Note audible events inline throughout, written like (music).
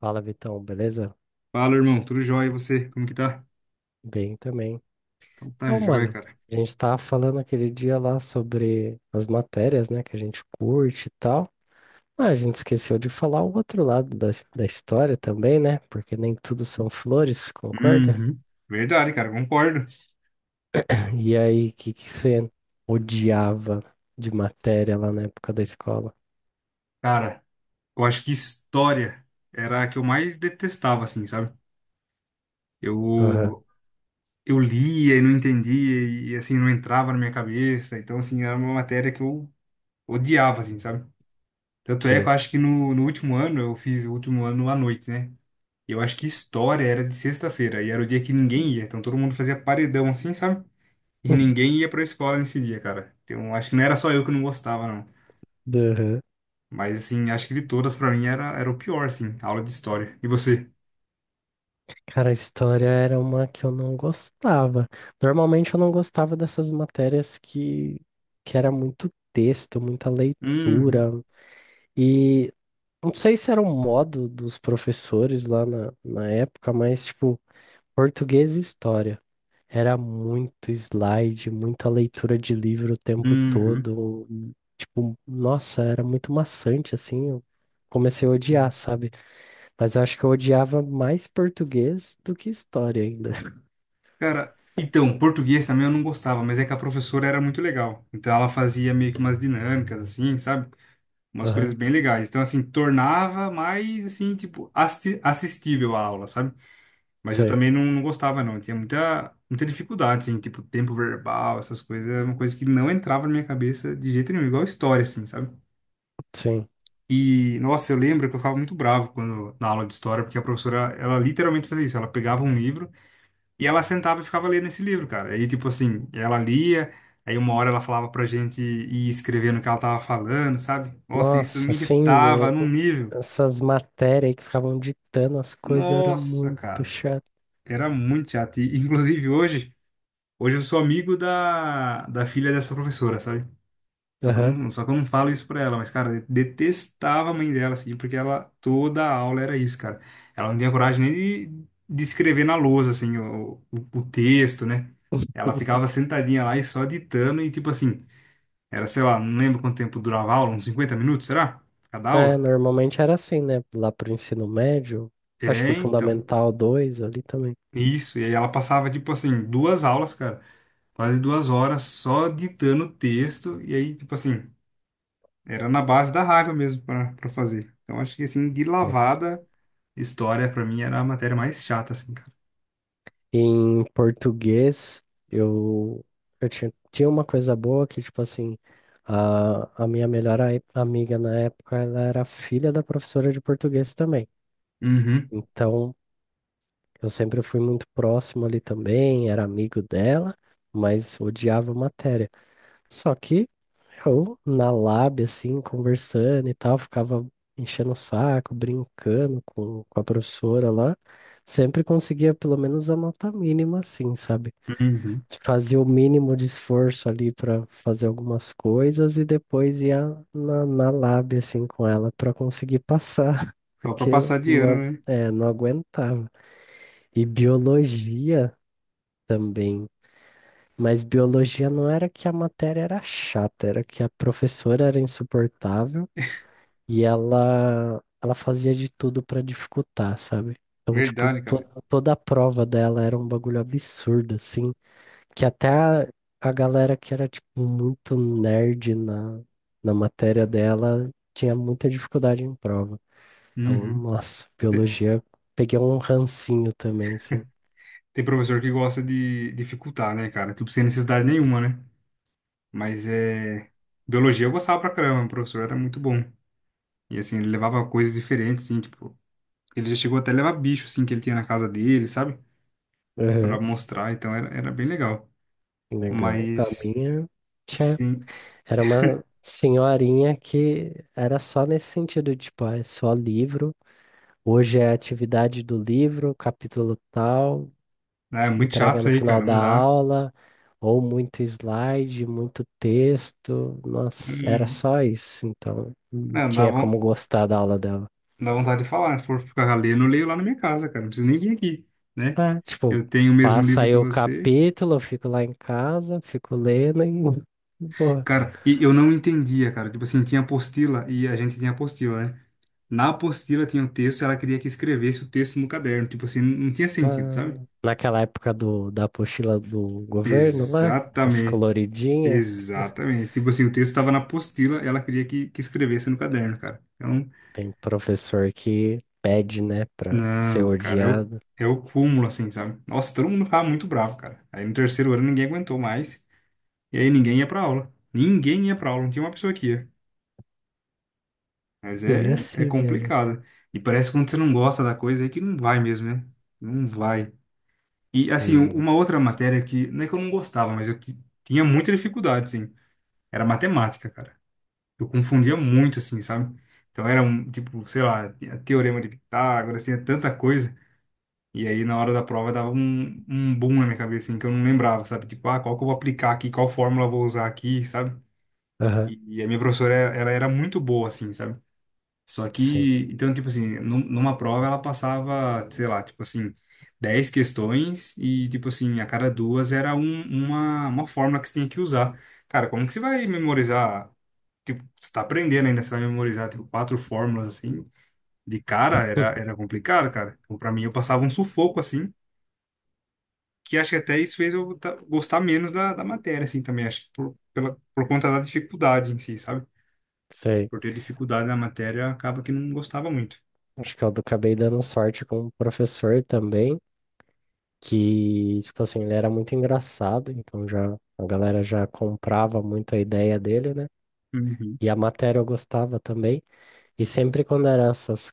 Fala, Vitão, beleza? Fala, irmão. Tudo jóia? E você? Como que tá? Bem também. Então tá Então, jóia, mano, cara. a gente tava falando aquele dia lá sobre as matérias, né, que a gente curte e tal. Ah, a gente esqueceu de falar o outro lado da história também, né? Porque nem tudo são flores, concorda? Uhum. Verdade, cara. Concordo. (laughs) E aí, o que que você odiava de matéria lá na época da escola? Cara, eu acho que história era a que eu mais detestava, assim, sabe? Aham, Eu, eu lia e não entendia e, assim, não entrava na minha cabeça. Então, assim, era uma matéria que eu odiava, assim, sabe? Tanto é que sim. eu acho que no último ano, eu fiz o último ano à noite, né? E eu acho que história era de sexta-feira e era o dia que ninguém ia. Então todo mundo fazia paredão, assim, sabe? E (laughs) ninguém ia pra escola nesse dia, cara. Então, acho que não era só eu que não gostava, não. Aham. Mas, assim, acho que de todas, pra mim, era o pior, assim, a aula de história. E você? Cara, a história era uma que eu não gostava. Normalmente eu não gostava dessas matérias que era muito texto, muita Uhum, leitura. E não sei se era um modo dos professores lá na época, mas tipo, português e história. Era muito slide, muita leitura de livro o tempo uhum. todo. Tipo, nossa, era muito maçante assim. Eu comecei a odiar, sabe? Mas eu acho que eu odiava mais português do que história ainda. Cara, então, português também eu não gostava, mas é que a professora era muito legal. Então, ela fazia meio que umas dinâmicas, assim, sabe? Umas Aham, coisas bem legais. Então, assim, tornava mais, assim, tipo, assistível a aula, sabe? Mas eu sei, também não gostava, não. Eu tinha muita, muita dificuldade, assim, tipo, tempo verbal, essas coisas. Era uma coisa que não entrava na minha cabeça de jeito nenhum, igual história, assim, sabe? sim. E, nossa, eu lembro que eu ficava muito bravo quando, na aula de história, porque a professora, ela literalmente fazia isso. Ela pegava um livro e ela sentava e ficava lendo esse livro, cara. Aí, tipo assim, ela lia, aí uma hora ela falava pra gente ir escrevendo o que ela tava falando, sabe? Nossa, isso Nossa, me assim, irritava né, num nível. essas matérias aí que ficavam ditando as coisas era Nossa, muito cara. chato. Era muito chato. E, inclusive, hoje. Hoje eu sou amigo da filha dessa professora, sabe? Só que eu Aham. não, só que eu não falo isso pra ela, mas, cara, eu detestava a mãe dela, assim, porque ela, toda aula era isso, cara. Ela não tinha coragem nem de escrever na lousa, assim, o texto, né? Ela ficava (laughs) sentadinha lá e só ditando e, tipo assim, era, sei lá, não lembro quanto tempo durava a aula, uns 50 minutos, será? Cada É, aula? normalmente era assim, né? Lá pro ensino médio, acho que É, o então. Fundamental 2 ali também. Isso, e aí ela passava, tipo assim, duas aulas, cara, quase 2 horas só ditando o texto, e aí, tipo assim. Era na base da raiva mesmo pra fazer. Então acho que assim, de Nossa. lavada, história pra mim era a matéria mais chata, assim, cara. Em português, eu, eu tinha uma coisa boa que, tipo assim, a minha melhor amiga na época, ela era filha da professora de português também. Uhum, Então, eu sempre fui muito próximo ali também, era amigo dela, mas odiava matéria. Só que eu, na lab, assim, conversando e tal, ficava enchendo o saco, brincando com a professora lá, sempre conseguia pelo menos a nota mínima, assim, sabe? uhum. Fazia o mínimo de esforço ali para fazer algumas coisas e depois ia na lab, assim, com ela para conseguir passar, (laughs) Só pra porque eu passar de não, agu- ano, né? é, não aguentava. E biologia também. Mas biologia não era que a matéria era chata, era que a professora era insuportável e ela fazia de tudo para dificultar, sabe? Então, tipo, Verdade, cara. toda a prova dela era um bagulho absurdo, assim, que até a galera que era, tipo, muito nerd na matéria dela tinha muita dificuldade em prova. Então, Uhum. nossa, Te- biologia, peguei um rancinho também, assim. Tem professor que gosta de dificultar, né, cara? Tipo, sem necessidade nenhuma, né? Mas é. Biologia eu gostava pra caramba, o professor era muito bom. E assim, ele levava coisas diferentes, assim, tipo. Ele já chegou até a levar bicho, assim, que ele tinha na casa dele, sabe? Pra mostrar, então era bem legal. Legal. A Mas, minha, tchá, sim. era uma senhorinha que era só nesse sentido, tipo, ah, é só livro. Hoje é a atividade do livro, capítulo tal, Ah, é muito chato entrega isso no aí, final cara. da Não dá. aula, ou muito slide, muito texto. Nossa, era Uhum. só isso, então não Não, dá, tinha como von- gostar da aula dela. dá vontade de falar. Se for ficar lendo, eu leio lá na minha casa, cara. Não precisa nem vir aqui, né? Ah, tipo, Eu tenho o mesmo passa livro aí que o você. capítulo, eu fico lá em casa, fico lendo e (laughs) pô. Cara, e eu não entendia, cara. Tipo assim, tinha apostila e a gente tinha apostila, né? Na apostila tinha o texto e ela queria que escrevesse o texto no caderno. Tipo assim, não tinha sentido, Ah, sabe? naquela época da apostila do governo lá, as Exatamente. coloridinhas, Exatamente. Tipo assim, o texto estava na apostila, ela queria que escrevesse no caderno, cara. Então, tem professor que pede, né, pra ser não, cara, odiado. é o cúmulo, assim, sabe? Nossa, todo mundo ficava muito bravo, cara. Aí no terceiro ano ninguém aguentou mais. E aí ninguém ia pra aula. Ninguém ia pra aula, não tinha uma pessoa que ia. Mas Bem é assim mesmo. complicado. E parece que quando você não gosta da coisa é que não vai mesmo, né? Não vai. E assim, Hum, uma outra matéria que não é que eu não gostava, mas eu tinha muita dificuldade, assim. Era matemática, cara. Eu confundia muito, assim, sabe? Então era um, tipo, sei lá, tinha teorema de Pitágoras, tinha tanta coisa. E aí, na hora da prova, dava um boom na minha cabeça, assim, que eu não lembrava, sabe? Tipo, ah, qual que eu vou aplicar aqui, qual fórmula eu vou usar aqui, sabe? Aham, E a minha professora, ela era muito boa, assim, sabe? Só sim, que, então, tipo assim, numa prova ela passava, sei lá, tipo assim, 10 questões e, tipo assim, a cada duas era uma fórmula que você tinha que usar. Cara, como que você vai memorizar? Tipo, você tá aprendendo ainda, você vai memorizar, tipo, quatro fórmulas, assim, de cara, era complicado, cara. Então, pra mim, eu passava um sufoco, assim, que acho que até isso fez eu gostar menos da matéria, assim, também, acho que por conta da dificuldade em si, sabe? sei. Por ter dificuldade na matéria, acaba que não gostava muito. Acho que eu acabei dando sorte com um professor também, que, tipo assim, ele era muito engraçado, então já a galera já comprava muito a ideia dele, né? Uhum. E a matéria eu gostava também. E sempre quando era essas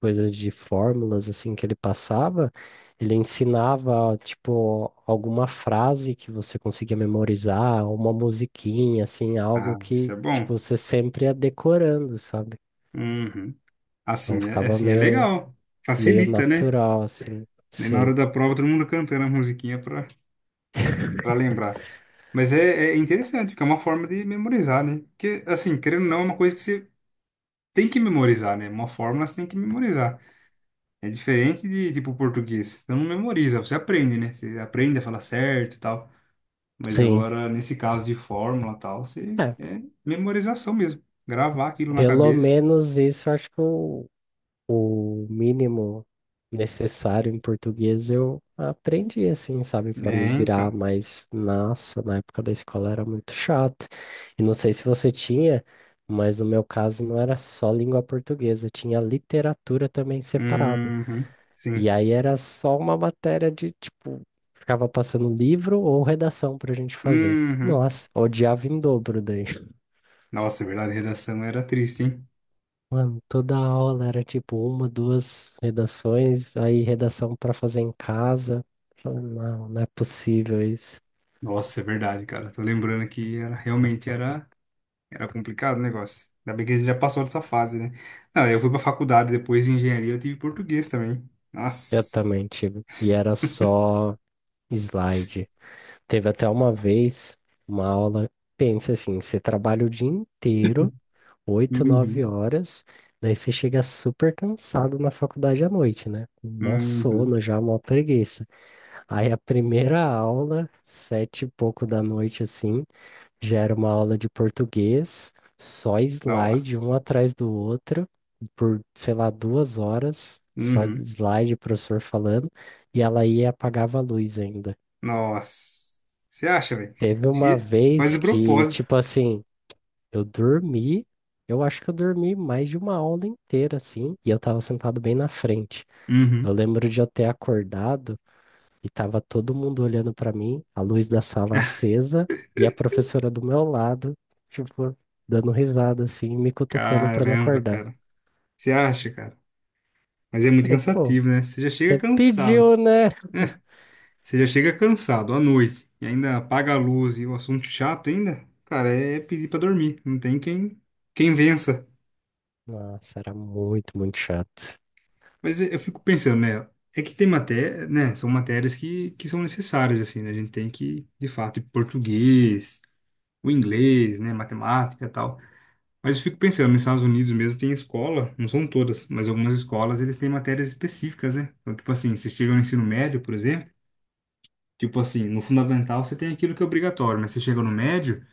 coisas de fórmulas assim que ele passava, ele ensinava tipo alguma frase que você conseguia memorizar, uma musiquinha assim, Ah, algo isso que é bom. tipo você sempre ia decorando, sabe? Uhum. Então Assim, ficava assim é meio legal. meio Facilita, né? natural assim. Daí na Sim. hora da prova, todo mundo cantando a musiquinha pra lembrar. Mas é interessante, porque é uma forma de memorizar, né? Porque, assim, querendo ou não, é uma coisa que você tem que memorizar, né? Uma fórmula você tem que memorizar. É diferente de, tipo, português. Você não memoriza, você aprende, né? Você aprende a falar certo e tal. Mas Sim. agora, nesse caso de fórmula e tal, você É, é memorização mesmo. Gravar aquilo na pelo cabeça. menos isso eu acho que o mínimo necessário em português eu aprendi assim, sabe, para me É, virar, então. mas nossa, na época da escola era muito chato. E não sei se você tinha, mas no meu caso não era só língua portuguesa, tinha literatura também separada. Uhum, E sim. aí era só uma matéria de tipo, ficava passando livro ou redação pra gente fazer. Uhum. Nossa, odiava em dobro daí. Nossa, é verdade, redação era triste, hein? Mano, toda aula era tipo uma, duas redações, aí redação pra fazer em casa. Falei, não, não é possível isso. Nossa, é verdade, cara. Tô lembrando que era, realmente era complicado o negócio. Ainda bem que a gente já passou dessa fase, né? Não, eu fui pra faculdade depois de engenharia, eu tive português também. Eu Nossa. também tive. E era só slide. Teve até uma vez uma aula, pensa assim, você trabalha o dia inteiro, oito, nove Uhum, horas, daí você chega super cansado na faculdade à noite, né? Com mó uhum. sono já, mó preguiça. Aí a primeira aula, 7 e pouco da noite, assim, gera uma aula de português, só slide um Nossa. atrás do outro, por, sei lá, 2 horas, só Uhum. slide, o professor falando, e ela ia e apagava a luz ainda. Nossa. Você acha, velho? Teve uma Che- Faz vez de que, propósito. tipo assim, eu dormi, eu acho que eu dormi mais de uma aula inteira, assim, e eu tava sentado bem na frente. Eu Uhum. lembro de eu ter acordado. E tava todo mundo olhando pra mim, a luz da sala (laughs) acesa e a professora do meu lado, tipo, dando risada assim, me cutucando pra me Caramba, acordar. cara. Você acha, cara? Mas é muito Falei, pô, cansativo, né? Você já chega você cansado. pediu, né? É, você já chega cansado à noite. E ainda apaga a luz e o assunto chato ainda. Cara, é pedir pra dormir. Não tem quem vença. Nossa, era muito, muito chato. Mas eu fico pensando, né? É que tem matéria, né? São matérias que são necessárias, assim, né? A gente tem que, de fato, português, o inglês, né? Matemática e tal. Mas eu fico pensando, nos Estados Unidos mesmo tem escola, não são todas, mas algumas escolas eles têm matérias específicas, né? Então, tipo assim, você chega no ensino médio, por exemplo, tipo assim, no fundamental você tem aquilo que é obrigatório, mas você chega no médio,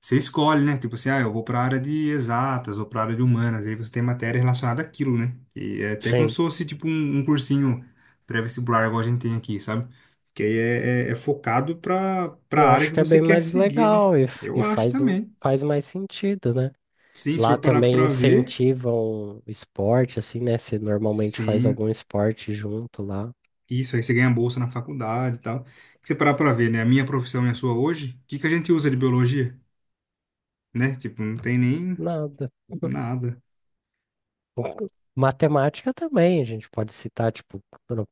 você escolhe, né? Tipo assim, ah, eu vou para a área de exatas ou para a área de humanas, aí você tem matéria relacionada àquilo, né? E é até como Sim, se fosse tipo um cursinho pré-vestibular, igual a gente tem aqui, sabe? Que aí é focado para eu a área acho que que é você bem quer mais seguir, né? legal e, f- Eu e acho faz um, também. faz mais sentido, né? Sim, se Lá for parar também para ver. incentivam o esporte, assim, né? Você normalmente faz Sim, algum esporte junto lá. isso, aí você ganha bolsa na faculdade e tal. Se você parar pra ver, né? A minha profissão e a sua hoje, o que que a gente usa de biologia? Né? Tipo, não tem nem Nada. nada. Matemática também, a gente pode citar, tipo,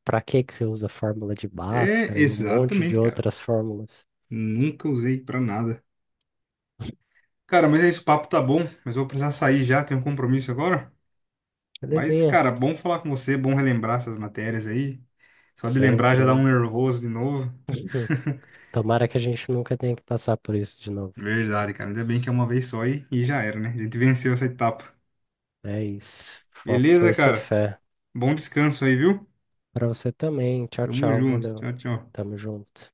para que que você usa a fórmula de É, Bhaskara e um monte de exatamente, cara. outras fórmulas. Nunca usei pra nada. Cara, mas é isso, o papo tá bom, mas eu vou precisar sair já, tenho um compromisso agora. Mas, Belezinha, cara, bom falar com você, bom relembrar essas matérias aí. Só de lembrar já sempre, dá um né? nervoso de novo. (laughs) (laughs) Tomara que a gente nunca tenha que passar por isso de novo. Verdade, cara. Ainda bem que é uma vez só e já era, né? A gente venceu essa etapa. É isso. Foco, Beleza, força e cara? fé. Bom descanso aí, viu? Para você também. Tchau, Tamo tchau. junto. Valeu. Tchau, tchau. Tamo junto.